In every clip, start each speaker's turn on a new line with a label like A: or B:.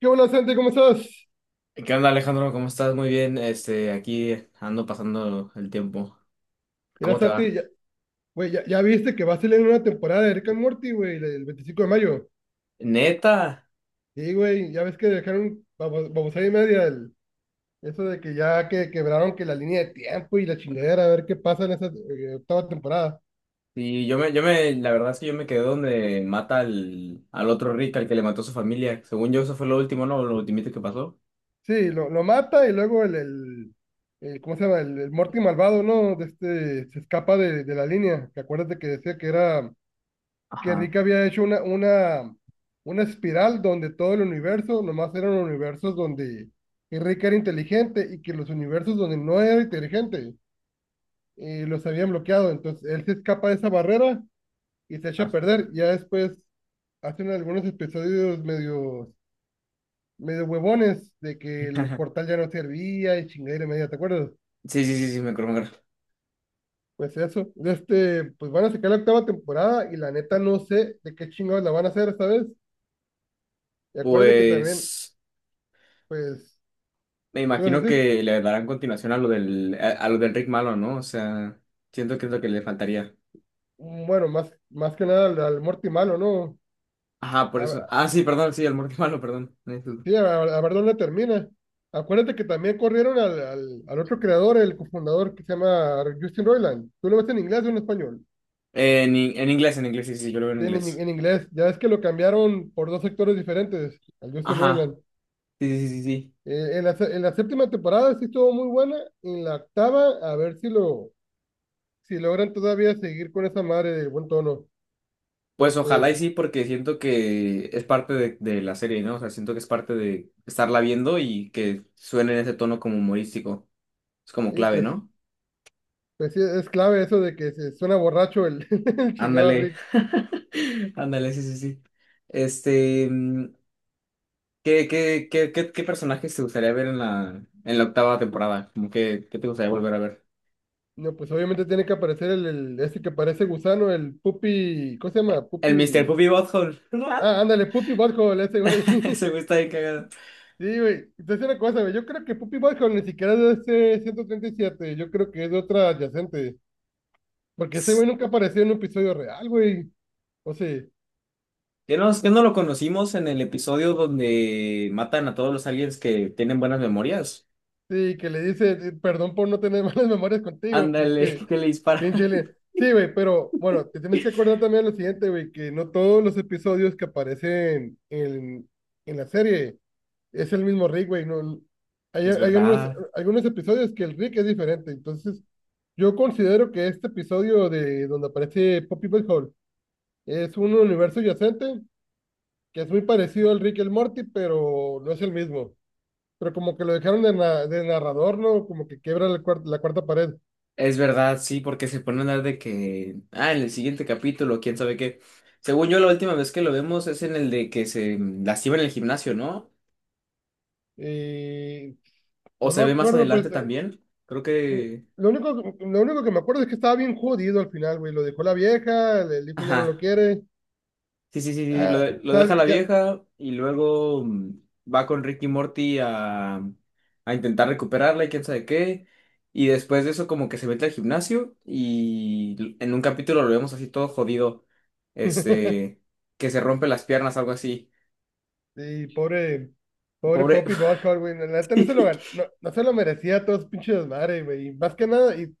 A: ¿Qué onda, Santi? ¿Cómo estás?
B: ¿Qué onda, Alejandro? ¿Cómo estás? Muy bien. Aquí ando pasando el tiempo.
A: Mira,
B: ¿Cómo te
A: Santi,
B: va?
A: ya, güey, ya viste que va a salir una temporada de Rick and Morty, güey, el 25 de mayo.
B: Neta.
A: Sí, güey, ya ves que dejaron babosada y media eso de que ya que quebraron que la línea de tiempo y la chingadera, a ver qué pasa en esa octava temporada.
B: Sí, la verdad es que yo me quedé donde mata al otro Rick, al que le mató a su familia. Según yo, eso fue lo último, ¿no? Lo ultimito que pasó.
A: Sí, lo mata y luego ¿cómo se llama? El Morty malvado, ¿no? De este, se escapa de la línea. Que acuérdate que decía que era que Rick
B: Ajá.
A: había hecho una espiral donde todo el universo, nomás eran universos donde Rick era inteligente y que los universos donde no era inteligente los habían bloqueado. Entonces él se escapa de esa barrera y se echa a
B: Ah,
A: perder. Ya después hacen algunos episodios medio huevones de que el portal ya no servía y chingadera media, ¿te acuerdas?
B: sí, sí, sí, sí, me acuerdo. Me acuerdo.
A: Pues eso, de este, pues van a sacar la octava temporada y la neta no sé de qué chingados la van a hacer esta vez. Y acuérdate que también,
B: Pues
A: pues,
B: me
A: ¿qué vas a
B: imagino
A: decir?
B: que le darán continuación a lo a lo del Rick malo, ¿no? O sea, siento que es lo que le faltaría.
A: Mm, bueno, más que nada al Morty malo, ¿no?
B: Ajá, por
A: A, ver-
B: eso. Ah, sí, perdón, sí, el Morty malo, perdón.
A: sí, a ver dónde termina. Acuérdate que también corrieron al otro creador, el cofundador que se llama Justin Roiland. ¿Tú lo ves en inglés o en español?
B: En inglés, en inglés, sí, sí, yo lo veo en
A: Sí, En, in-
B: inglés.
A: en inglés. Ya es que lo cambiaron por dos sectores diferentes, al Justin
B: Ajá,
A: Roiland.
B: sí, sí, sí, sí.
A: En la séptima temporada sí estuvo muy buena. En la octava, a ver si logran todavía seguir con esa madre del buen tono.
B: Pues
A: Pero pues,
B: ojalá y sí, porque siento que es parte de la serie, ¿no? O sea, siento que es parte de estarla viendo y que suene en ese tono como humorístico. Es como
A: sí,
B: clave,
A: pues.
B: ¿no?
A: Pues sí, es clave eso de que se suena borracho el, el chingado
B: Ándale.
A: Rick.
B: Ándale, sí, sí, sí. Este, mm, ¿ qué personajes te gustaría ver en en la octava temporada? Como que, ¿qué te gustaría volver a ver?
A: No, pues obviamente tiene que aparecer el ese que parece gusano, el Puppy, ¿cómo se llama?
B: El Mr.
A: Puppy.
B: Poopy Butthole.
A: Ah, ándale, Puppy Butthole, ese güey.
B: Ese güey está bien cagado.
A: Sí, güey. Entonces una cosa, güey. Yo creo que Puppy Butthole ni siquiera es de ese 137. Yo creo que es de otra adyacente. Porque ese güey nunca apareció en un episodio real, güey. O sea,
B: ¿Qué no lo conocimos en el episodio donde matan a todos los aliens que tienen buenas memorias?
A: sí, que le dice, perdón por no tener malas memorias contigo,
B: Ándale,
A: pinche.
B: que le dispara.
A: Bien chile. Sí, güey, pero bueno, te tienes que acordar también lo siguiente, güey, que no todos los episodios que aparecen en la serie es el mismo Rick, güey. No, hay,
B: Es
A: hay algunos,
B: verdad,
A: algunos episodios que el Rick es diferente. Entonces, yo considero que este episodio de donde aparece Poppy Hall es un universo yacente que es muy parecido al Rick y el Morty, pero no es el mismo. Pero como que lo dejaron de narrador, ¿no? Como que quiebra la cuarta pared.
B: es verdad, sí, porque se pone a hablar de que, ah, en el siguiente capítulo, quién sabe qué. Según yo, la última vez que lo vemos es en el de que se lastima en el gimnasio, ¿no?
A: Y
B: O
A: no me
B: se ve más
A: acuerdo, pues.
B: adelante también. Creo
A: Y
B: que,
A: Lo único, lo único que me acuerdo es que estaba bien jodido al final, güey. Lo dejó la vieja, el hijo ya no lo
B: ajá.
A: quiere.
B: Sí, sí, sí, sí, lo,
A: Ah,
B: de- lo
A: o
B: deja la
A: ya.
B: vieja y luego va con Ricky y Morty a intentar recuperarla y quién sabe qué. Y después de eso como que se mete al gimnasio y l- en un capítulo lo vemos así todo jodido, este, que se rompe las piernas, algo así.
A: Y pobre, pobre
B: Pobre.
A: Poppy Bosco, güey. La neta no se lo merecía todo ese pinche desmadre, güey. Y más que nada, y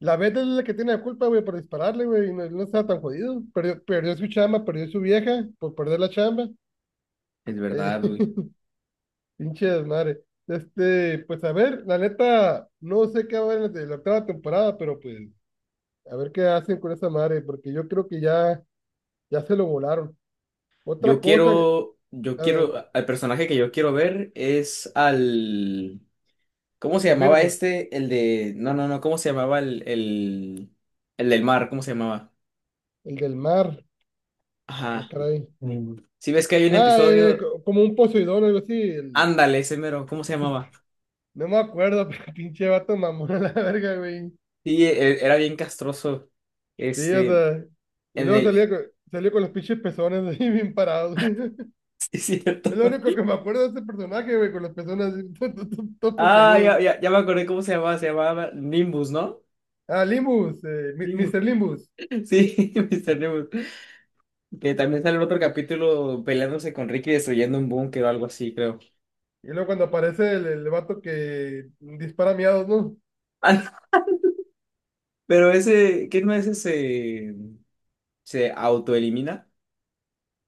A: la Beth es la que tiene la culpa, güey, por dispararle, güey. Y no, no estaba tan jodido. Perdió su chamba, perdió su vieja por perder la chamba.
B: Es
A: Eh,
B: verdad, güey.
A: pinche desmadre. Este, pues a ver, la neta, no sé qué va a haber en la octava temporada, pero pues a ver qué hacen con esa madre, porque yo creo que ya se lo volaron. Otra cosa,
B: Yo
A: a ver,
B: quiero, al personaje que yo quiero ver es al... ¿Cómo se
A: al
B: llamaba
A: Birdman,
B: este? El de. No, no, no. ¿Cómo se llamaba el del mar? ¿Cómo se llamaba?
A: el del mar. Ah,
B: Ajá.
A: caray.
B: Mm. Si ves que hay un
A: Ah, el- el
B: episodio.
A: co- como un Poseidón, o algo así.
B: Ándale, ese mero. ¿Cómo se llamaba?
A: No me acuerdo, pero pinche vato mamón a la verga, güey.
B: Sí, e- era bien castroso.
A: Sí, o
B: Este.
A: sea. Y
B: En
A: luego
B: el.
A: salió con los pinches pezones así bien parados.
B: Sí, es
A: Es
B: cierto.
A: lo único que me acuerdo de ese personaje, güey, con los pezones así, todos
B: Ah,
A: puntiagudos.
B: ya, ya, ya me acordé cómo se llamaba. Se llamaba Nimbus, ¿no?
A: Ah, Limbus,
B: Nimbus.
A: Mr. Limbus.
B: Sí, Mister Nimbus. Que también sale en otro capítulo peleándose con Ricky destruyendo un búnker o algo así, creo.
A: Y luego cuando aparece el vato que dispara miados, ¿no?
B: Ah, no, pero ese. ¿Qué no es ese? Se autoelimina.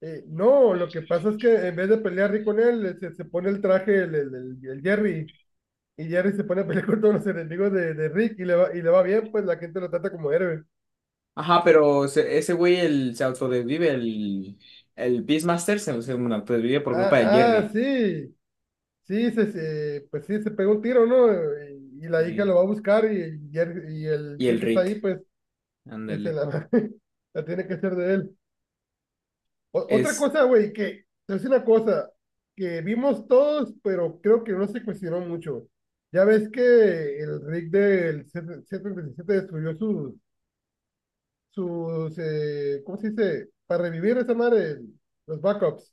A: No, lo que pasa es que en vez de pelear Rick con él, se pone el traje el Jerry, y Jerry se pone a pelear con todos los enemigos de Rick, y le va bien, pues la gente lo trata como héroe.
B: Ajá, pero se- ese güey el, se autodesvive, el Beastmaster se autodesvive por culpa de
A: Ah,
B: Jerry
A: sí, sí, pues sí, se pegó un tiro, ¿no? Y la hija
B: y,
A: lo va a buscar, y, y el
B: y el
A: Rick está ahí,
B: Rick.
A: pues, y
B: Ándale.
A: la tiene que hacer de él. Otra
B: Es.
A: cosa, güey, que es una cosa que vimos todos, pero creo que no se cuestionó mucho. Ya ves que el Rick del C 77 destruyó sus ¿cómo se dice? Para revivir esa madre, los backups.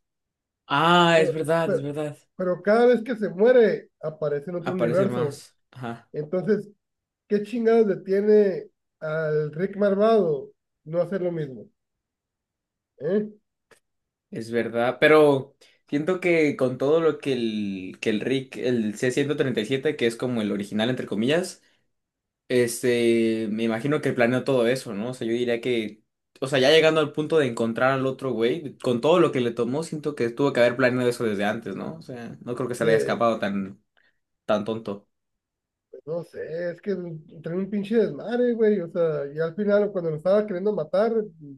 B: Ah, es
A: Pero,
B: verdad, es
A: pero,
B: verdad.
A: pero cada vez que se muere, aparece en otro
B: Aparece
A: universo.
B: más. Ajá,
A: Entonces, ¿qué chingados detiene al Rick malvado no hacer lo mismo? ¿Eh?
B: es verdad. Pero siento que con todo lo que el Rick, el c ciento treinta y siete que es como el original, entre comillas, me imagino que planeó todo eso, ¿no? O sea, yo diría que, o sea, ya llegando al punto de encontrar al otro güey, con todo lo que le tomó, siento que tuvo que haber planeado eso desde antes, ¿no? O sea, no creo que se le haya
A: De-
B: escapado tan tonto.
A: No sé, es que trae un pinche desmadre, güey. O sea, y al final, cuando lo estaba queriendo matar,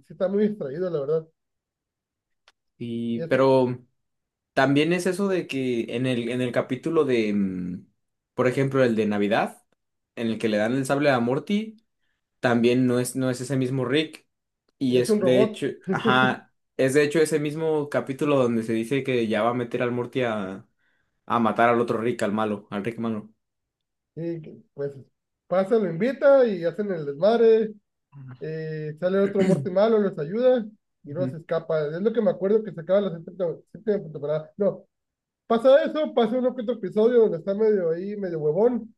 A: sí está muy distraído, la verdad. Y
B: Y,
A: es,
B: pero también es eso de que en en el capítulo de, por ejemplo, el de Navidad, en el que le dan el sable a Morty. También no es, no es ese mismo Rick. Y
A: es un
B: es de
A: robot.
B: hecho, ajá, es de hecho ese mismo capítulo donde se dice que ya va a meter al Morty a matar al otro Rick, al malo, al Rick malo.
A: Y que, pues pasa, lo invita y hacen el desmadre. Sale otro muerto y malo, los ayuda y luego
B: Ujú.
A: se escapa. Es lo que me acuerdo que se acaba la séptima temporada. No, pasa eso, pasa un otro episodio donde está medio ahí, medio huevón.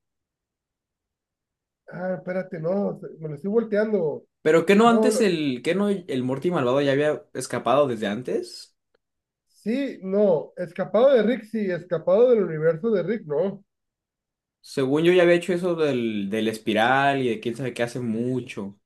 A: Ah, espérate, no, me lo estoy volteando.
B: Pero que no
A: No,
B: antes el, que no el Morty malvado ya había escapado desde antes.
A: Sí, no, escapado de Rick, sí, escapado del universo de Rick, no.
B: Según yo ya había hecho eso del espiral y de quién sabe qué hace mucho.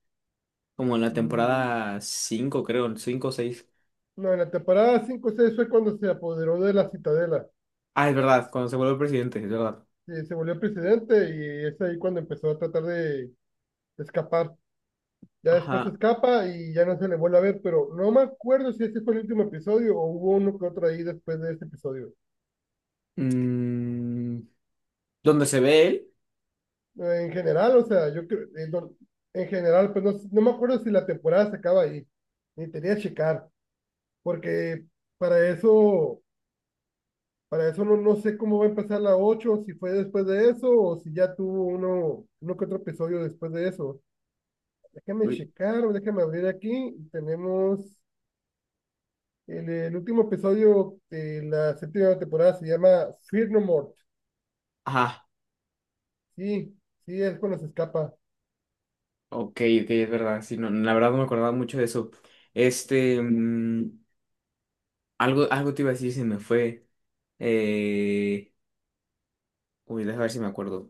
B: Como en la
A: Mm,
B: temporada 5 creo, 5 o 6.
A: no, en la temporada 5-6 fue cuando se apoderó de la Citadela.
B: Ah, es verdad, cuando se vuelve presidente, es verdad.
A: Sí, se volvió presidente y es ahí cuando empezó a tratar de escapar. Ya después
B: Ajá.
A: escapa y ya no se le vuelve a ver, pero no me acuerdo si ese fue el último episodio o hubo uno que otro ahí después de ese episodio.
B: Mm, ¿dónde se ve él?
A: En general, o sea, yo creo, en general, pues no me acuerdo si la temporada se acaba ahí. Ni tenía que checar, porque para eso. Para eso no sé cómo va a empezar la 8 si fue después de eso o si ya tuvo uno que otro episodio después de eso. Déjame
B: Uy,
A: checar, déjame abrir aquí. Tenemos el último episodio de la séptima temporada, se llama Fear No More.
B: ajá,
A: Sí, sí, es cuando se escapa.
B: ok, ok, es verdad. Sí, no, la verdad no me acordaba mucho de eso. Este, mm, algo, algo te iba a decir, se me fue. Eh, uy, déjame ver si me acuerdo.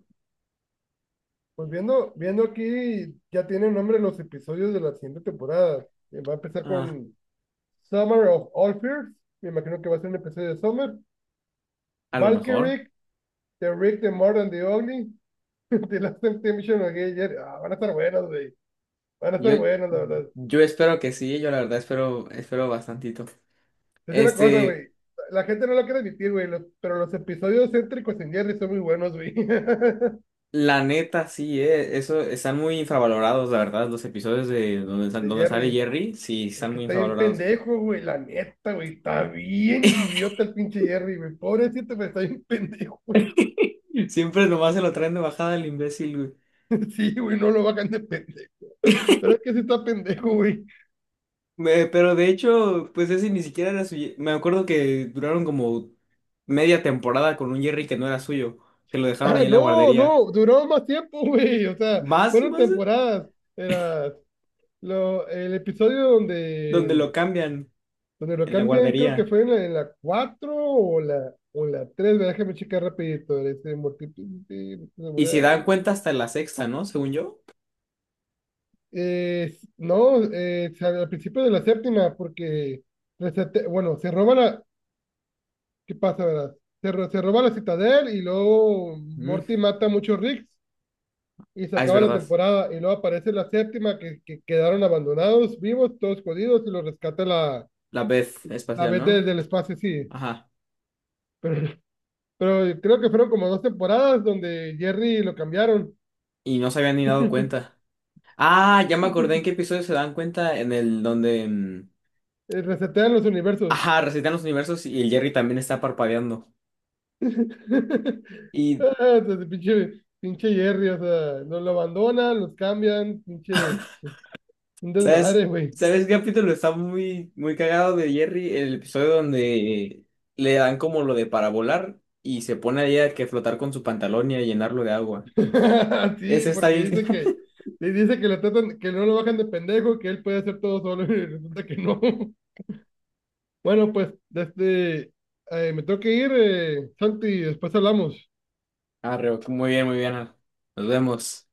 A: Pues viendo aquí, ya tienen nombre los episodios de la siguiente temporada. Va a empezar
B: Ah,
A: con Summer of All Fears. Me imagino que va a ser un episodio de Summer.
B: a lo mejor.
A: Valkyrie, The Rick, The More and The Ugly. De Last Temptation of Gay Jerry. Ah, van a estar buenos, güey. Van a
B: Yo,
A: estar buenos, la verdad.
B: yo espero que sí, yo la verdad espero, espero bastantito.
A: Es una cosa,
B: Este,
A: güey. La gente no lo quiere admitir, güey, pero los episodios céntricos en Jerry son muy buenos, güey.
B: la neta, sí, eso, están muy infravalorados, la verdad, los episodios de donde, sal-
A: De
B: donde sale
A: Jerry.
B: Jerry, sí,
A: Pero es
B: están
A: que
B: muy
A: está bien
B: infravalorados.
A: pendejo, güey, la neta, güey. Está bien idiota el pinche Jerry, güey. Pobrecito, pero está bien pendejo, güey.
B: Siempre nomás se lo traen de bajada el imbécil, güey.
A: Sí, güey, no lo hagan de pendejo. Pero es que sí está pendejo, güey.
B: Pero de hecho, pues ese ni siquiera era suyo. Me acuerdo que duraron como media temporada con un Jerry que no era suyo, que lo dejaron
A: Ah,
B: ahí en la
A: no,
B: guardería.
A: no, duró más tiempo, güey. O sea,
B: Más,
A: fueron
B: más,
A: temporadas. Era el episodio
B: donde
A: donde,
B: lo cambian
A: donde lo
B: en la
A: cambian, creo que
B: guardería.
A: fue en la, 4 o la tres, ¿verdad? Déjame checar rapidito. Este, Mortífice
B: Y se
A: Samurai.
B: dan cuenta hasta la sexta, ¿no? Según yo.
A: No, al principio de la séptima, porque, bueno, ¿qué pasa, verdad? Se roba la citadel y luego
B: Mm.
A: Morty mata a muchos Ricks y se
B: Ah, es
A: acaba la
B: verdad.
A: temporada y luego aparece la séptima que quedaron abandonados, vivos, todos jodidos y los rescata
B: La vez
A: la
B: espacial,
A: vez
B: ¿no?
A: desde el espacio, sí.
B: Ajá.
A: Pero pero creo que fueron como dos temporadas donde Jerry lo cambiaron.
B: Y no se habían ni dado cuenta. Ah, ya me acordé en qué episodio se dan cuenta en el donde...
A: Resetean los universos.
B: ajá, recitan los universos y el Jerry también está parpadeando. Y
A: Ah, entonces, pinche, pinche Jerry, o sea, nos lo abandonan, los cambian, pinche, un
B: ¿sabes?
A: desmadre, güey.
B: ¿Sabes qué capítulo está muy, muy cagado de Jerry? El episodio donde le dan como lo de para volar y se pone ahí a que flotar con su pantalón y a llenarlo de agua.
A: Sí,
B: Ese está
A: porque
B: bien.
A: le dice que lo tratan, que no lo bajan de pendejo, que él puede hacer todo solo y resulta que no. Bueno, pues, me tengo que ir, Santi, después hablamos.
B: Arreo, muy bien, muy bien. Nos vemos.